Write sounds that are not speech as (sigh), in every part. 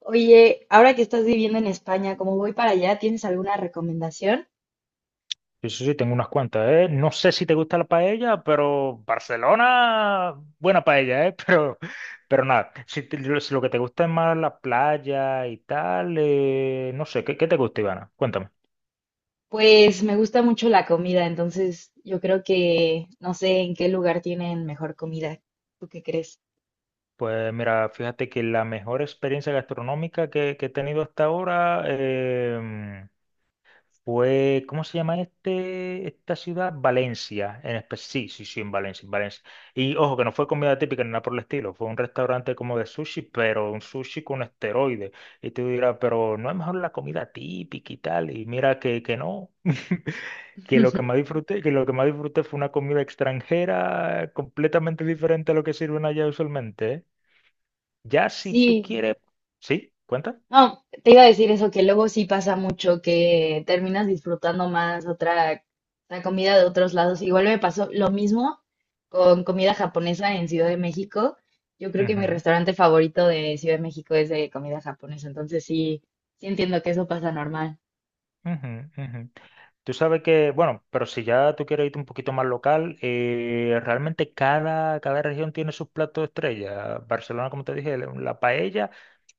Oye, ahora que estás viviendo en España, como voy para allá, ¿tienes alguna recomendación? Sí, sí, sí, tengo unas cuantas, ¿eh? No sé si te gusta la paella, pero Barcelona, buena paella, ¿eh? (laughs) Pero nada, si lo que te gusta es más la playa y tal, no sé, ¿qué te gusta, Ivana? Cuéntame. Pues me gusta mucho la comida, entonces yo creo que no sé en qué lugar tienen mejor comida. ¿Tú qué crees? Pues mira, fíjate que la mejor experiencia gastronómica que he tenido hasta ahora. Pues, ¿cómo se llama esta ciudad? Valencia. Sí, sí, sí, en Valencia, en Valencia. Y ojo, que no fue comida típica ni nada por el estilo. Fue un restaurante como de sushi, pero un sushi con esteroides. Y tú dirás, pero no es mejor la comida típica y tal. Y mira que no. (laughs) Que lo que más (laughs) disfruté fue una comida extranjera completamente diferente a lo que sirven allá usualmente, ¿eh? Ya si tú Sí, quieres. ¿Sí? ¿Cuenta? no, te iba a decir eso, que luego sí pasa mucho, que terminas disfrutando más otra, la comida de otros lados. Igual me pasó lo mismo con comida japonesa en Ciudad de México. Yo creo que mi restaurante favorito de Ciudad de México es de comida japonesa, entonces sí, sí entiendo que eso pasa normal. Ujú, ujú, ujú. Tú sabes que, bueno, pero si ya tú quieres irte un poquito más local, realmente cada región tiene sus platos estrella. Barcelona, como te dije, la paella,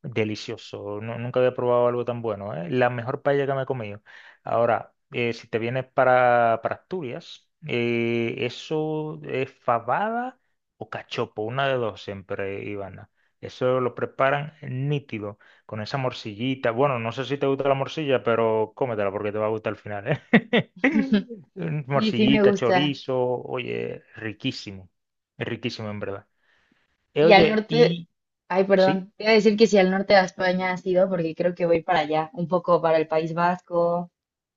delicioso. Nunca había probado algo tan bueno, ¿eh? La mejor paella que me he comido. Ahora, si te vienes para Asturias, eso es fabada o cachopo, una de dos siempre, Ivana. Eso lo preparan nítido, con esa morcillita. Bueno, no sé si te gusta la morcilla, pero cómetela porque te va a gustar al final, ¿eh? (laughs) Sí, sí me Morcillita, gusta. chorizo, oye, riquísimo, es riquísimo en verdad. Eh, Y al oye, norte, y ay, sí, perdón, te iba a decir que si al norte de España has ido, porque creo que voy para allá, un poco para el País Vasco,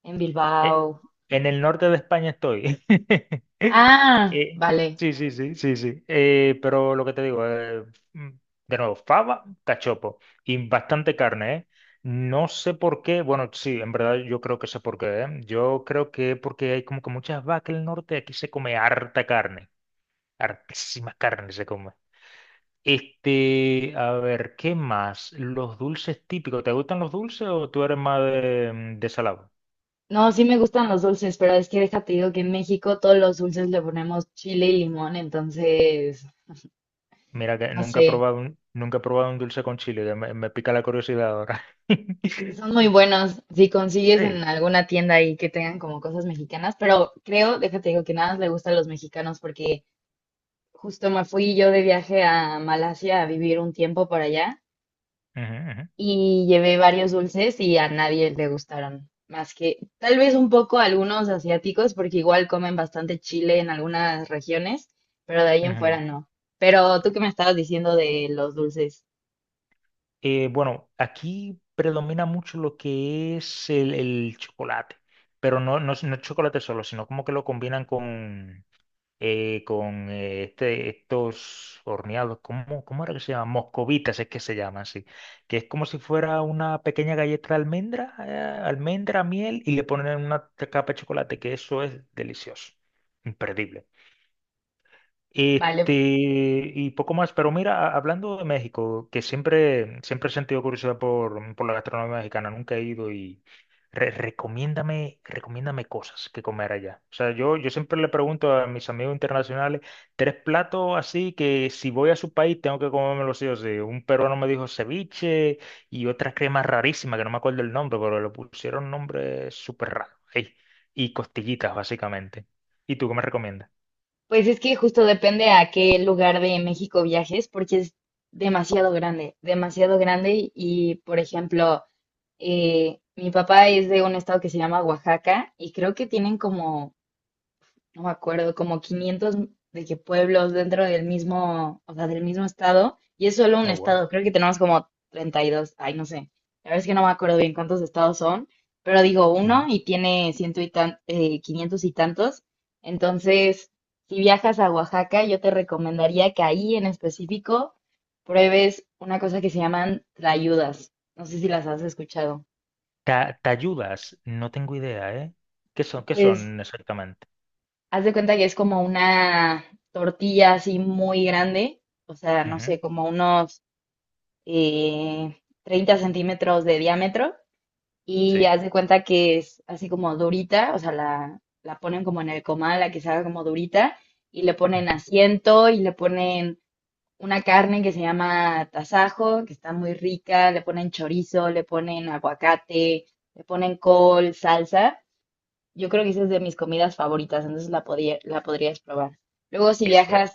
en eh, Bilbao. en el norte de España estoy. (laughs) Ah, Eh, vale. sí, sí, sí, sí, sí. Pero lo que te digo, mm, de nuevo, fava, cachopo y bastante carne, ¿eh? No sé por qué, bueno, sí, en verdad yo creo que sé por qué, ¿eh? Yo creo que porque hay como que muchas vacas en el norte, aquí se come harta carne, hartísima carne se come. Este, a ver, ¿qué más? Los dulces típicos. ¿Te gustan los dulces o tú eres más de salado? No, sí me gustan los dulces, pero es que déjate digo que en México todos los dulces le ponemos chile y limón, entonces, Mira que no nunca he sé, probado un dulce con chile, que me pica la curiosidad ahora. son muy (laughs) buenos si consigues en Sí. alguna tienda ahí que tengan como cosas mexicanas, pero creo, déjate digo que nada más le gusta a los mexicanos porque justo me fui yo de viaje a Malasia a vivir un tiempo por allá, Ujú, ujú, y llevé varios dulces y a nadie le gustaron, más que tal vez un poco a algunos asiáticos, porque igual comen bastante chile en algunas regiones, pero de ahí en ujú. fuera no. Pero tú que me estabas diciendo de los dulces, Bueno, aquí predomina mucho lo que es el chocolate, pero no, no, no es chocolate solo, sino como que lo combinan con estos horneados, ¿cómo era que se llaman? Moscovitas es que se llaman así, que es como si fuera una pequeña galleta de almendra, miel y le ponen una capa de chocolate, que eso es delicioso, imperdible. Este, vale, y poco más, pero mira, hablando de México, que siempre, siempre he sentido curiosidad por la gastronomía mexicana, nunca he ido y recomiéndame, recomiéndame cosas que comer allá. O sea, yo siempre le pregunto a mis amigos internacionales, tres platos así que si voy a su país tengo que comérmelo sí o sí. Un peruano me dijo ceviche y otra crema rarísima que no me acuerdo el nombre, pero le pusieron nombre súper raro. Ey, y costillitas, básicamente. ¿Y tú qué me recomiendas? pues es que justo depende a qué lugar de México viajes, porque es demasiado grande y, por ejemplo, mi papá es de un estado que se llama Oaxaca y creo que tienen como, no me acuerdo, como 500 de qué pueblos dentro del mismo, o sea, del mismo estado, y es solo un Oh, wow. estado, creo que tenemos como 32. Ay, no sé, la verdad es que no me acuerdo bien cuántos estados son, pero digo uno y tiene ciento y tan, 500 y tantos, entonces, si viajas a Oaxaca, yo te recomendaría que ahí en específico pruebes una cosa que se llaman tlayudas, no sé si las has escuchado. Tayudas, no tengo idea, ¿eh? ¿Qué son, qué Pues son exactamente? haz de cuenta que es como una tortilla así muy grande, o sea, no Ujú. sé, como unos eh, 30 centímetros de diámetro. Y Sí. haz de cuenta que es así como durita, o sea, la ponen como en el comal, la que se haga como durita, y le ponen Ujú. asiento y le ponen una carne que se llama tasajo, que está muy rica, le ponen chorizo, le ponen aguacate, le ponen col, salsa. Yo creo que esa es de mis comidas favoritas, entonces la podía, la podrías probar. Luego si Eso es. viajas,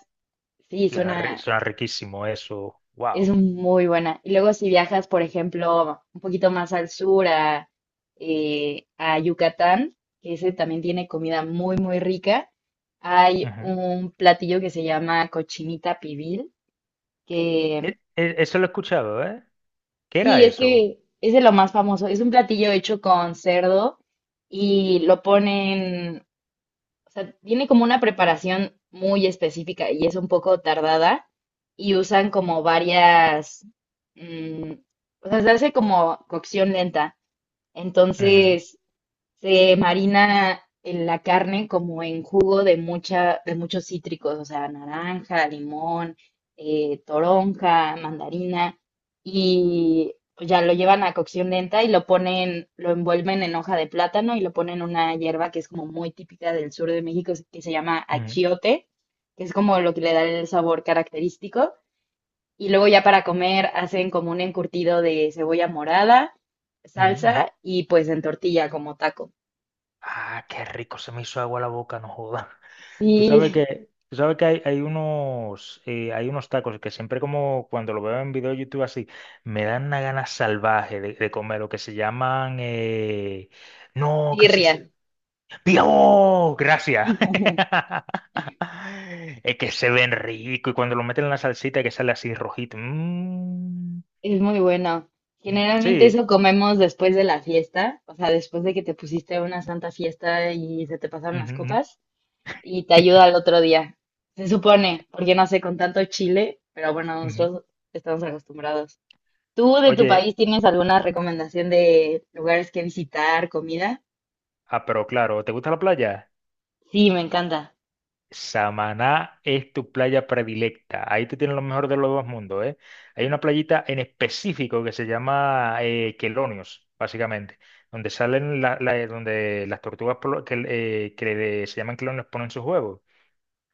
sí, es Suena, una, suena riquísimo eso. es Wow. muy buena. Y luego si viajas, por ejemplo, un poquito más al sur, a Yucatán, que ese también tiene comida muy, muy rica, hay Ujú. un platillo que se llama cochinita pibil, que Eso lo he escuchado, ¿eh? ¿Qué era sí, es eso? que es de lo más famoso. Es un platillo hecho con cerdo y lo ponen, o sea, tiene como una preparación muy específica y es un poco tardada y usan como varias, mm, o sea, se hace como cocción lenta. Ujú, Entonces, se marina en la carne como en jugo de mucha, de muchos cítricos, o sea, naranja, limón, toronja, mandarina, y pues ya lo llevan a cocción lenta y lo ponen, lo envuelven en hoja de plátano y lo ponen en una hierba que es como muy típica del sur de México, que se llama ujú, achiote, que es como lo que le da el sabor característico. Y luego ya para comer hacen como un encurtido de cebolla morada, ujú, ujú. salsa y pues en tortilla como taco. Ah, qué rico, se me hizo agua la boca, no joda. (laughs) Tú sabes Sí, que, tú sabes que hay unos tacos que siempre como cuando lo veo en video de YouTube así, me dan una gana salvaje de comer, lo que se llaman, no, birria. ¡Dios! Gracias. (laughs) (laughs) Es que se ven rico y cuando lo meten en la salsita que sale así rojito. Mm, Es muy bueno. Generalmente sí. eso comemos después de la fiesta, o sea, después de que te pusiste una santa fiesta y se te pasaron Ujú, las ujú. copas y te ayuda al (laughs) otro día. Se supone, porque no sé, con tanto chile, pero bueno, Ujú. nosotros estamos acostumbrados. ¿Tú de tu Oye, país tienes alguna recomendación de lugares que visitar, comida? ah, pero claro, ¿te gusta la playa? Sí, me encanta. Samaná es tu playa predilecta. Ahí tú tienes lo mejor de los dos mundos, ¿eh? Hay una playita en específico que se llama Quelonios, básicamente, donde salen la- la- donde las tortugas se llaman quelonios ponen sus huevos.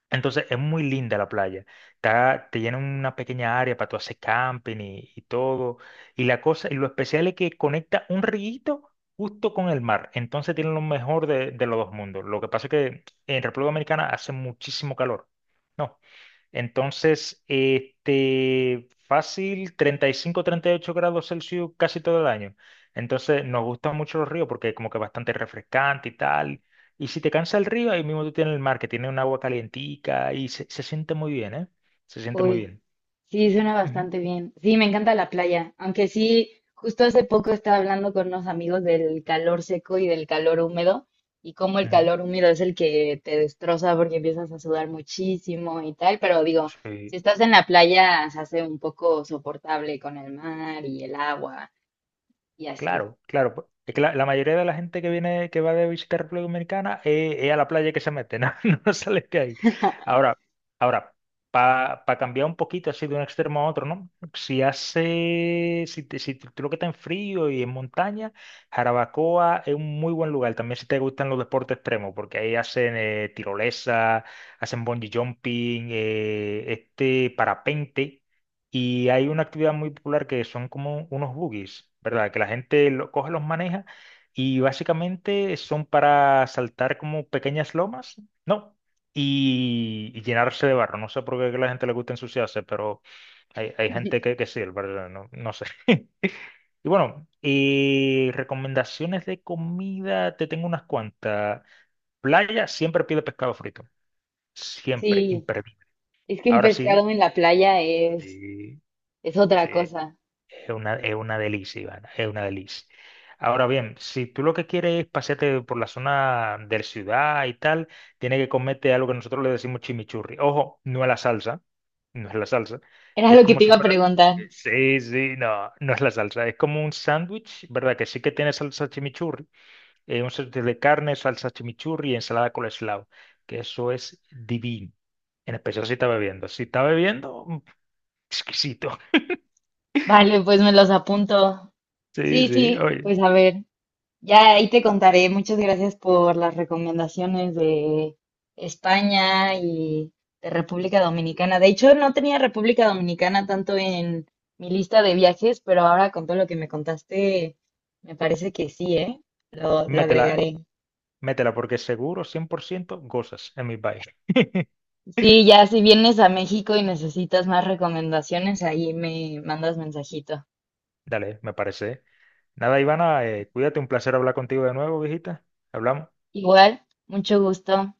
Entonces es muy linda la playa. Está, te llena una pequeña área para tú hacer camping y todo. Y la cosa, y lo especial es que conecta un riguito justo con el mar. Entonces tiene lo mejor de los dos mundos. Lo que pasa es que en República Dominicana hace muchísimo calor. No. Entonces, este, fácil, 35, 38 grados Celsius casi todo el año. Entonces, nos gustan mucho los ríos porque como que bastante refrescante y tal. Y si te cansa el río, ahí mismo tú tienes el mar, que tiene un agua calientica y se siente muy bien, ¿eh? Se siente muy Uy, bien. sí, suena Ujú, bastante bien. Sí, me encanta la playa, aunque sí, justo hace poco estaba hablando con unos amigos del calor seco y del calor húmedo y cómo el ujú. calor húmedo es el que te destroza porque empiezas a sudar muchísimo y tal, pero digo, si Sí. estás en la playa se hace un poco soportable con el mar y el agua y así. Claro, claro. Pues, es que la mayoría de la gente que viene, que va de visita a República Dominicana, es a la playa que se mete, (laughs) no, no sale de ahí. Ahora, ahora, para cambiar un poquito así de un extremo a otro, ¿no? Si hace, si, te- si tú lo que está en frío y en montaña, Jarabacoa es un muy buen lugar. También si te gustan los deportes extremos, porque ahí hacen tirolesa, hacen bungee jumping, este parapente. Y hay una actividad muy popular que son como unos buggies, ¿verdad? Que la gente lo coge, los maneja y básicamente son para saltar como pequeñas lomas, ¿no? Y llenarse de barro. No sé por qué a la gente le gusta ensuciarse, pero hay gente que sí, ¿verdad? No, no sé. (laughs) Y bueno, recomendaciones de comida, te tengo unas cuantas. Playa, siempre pide pescado frito. Siempre, Sí, imperdible. es que el Ahora sí. pescado en la playa Sí, es sí, otra cosa. es una delicia, Ivana, es una delicia. Ahora bien, si tú lo que quieres es pasearte por la zona de la ciudad y tal, tienes que comerte algo que nosotros le decimos chimichurri. Ojo, no es la salsa, no es la salsa. Era Es lo que como te si iba a fuera. preguntar. Sí, sí, no, no es la salsa. Es como un sándwich, ¿verdad? Que sí que tiene salsa chimichurri. Un sándwich de carne, salsa chimichurri y ensalada coleslaw. Que eso es divino. En especial si está bebiendo. Si está bebiendo, exquisito. (laughs) Vale, pues me los apunto. Sí, Sí, sí, sí, oye. pues a ver. Ya ahí te contaré. Muchas gracias por las recomendaciones de España y de República Dominicana. De hecho, no tenía República Dominicana tanto en mi lista de viajes, pero ahora con todo lo que me contaste, me parece que sí, ¿eh? Lo Métela, agregaré. métela porque seguro 100% gozas en mi país. (laughs) Sí, ya si vienes a México y necesitas más recomendaciones, ahí me mandas mensajito. Dale, me parece. Nada, Ivana, cuídate, un placer hablar contigo de nuevo, viejita. Hablamos. Igual, mucho gusto.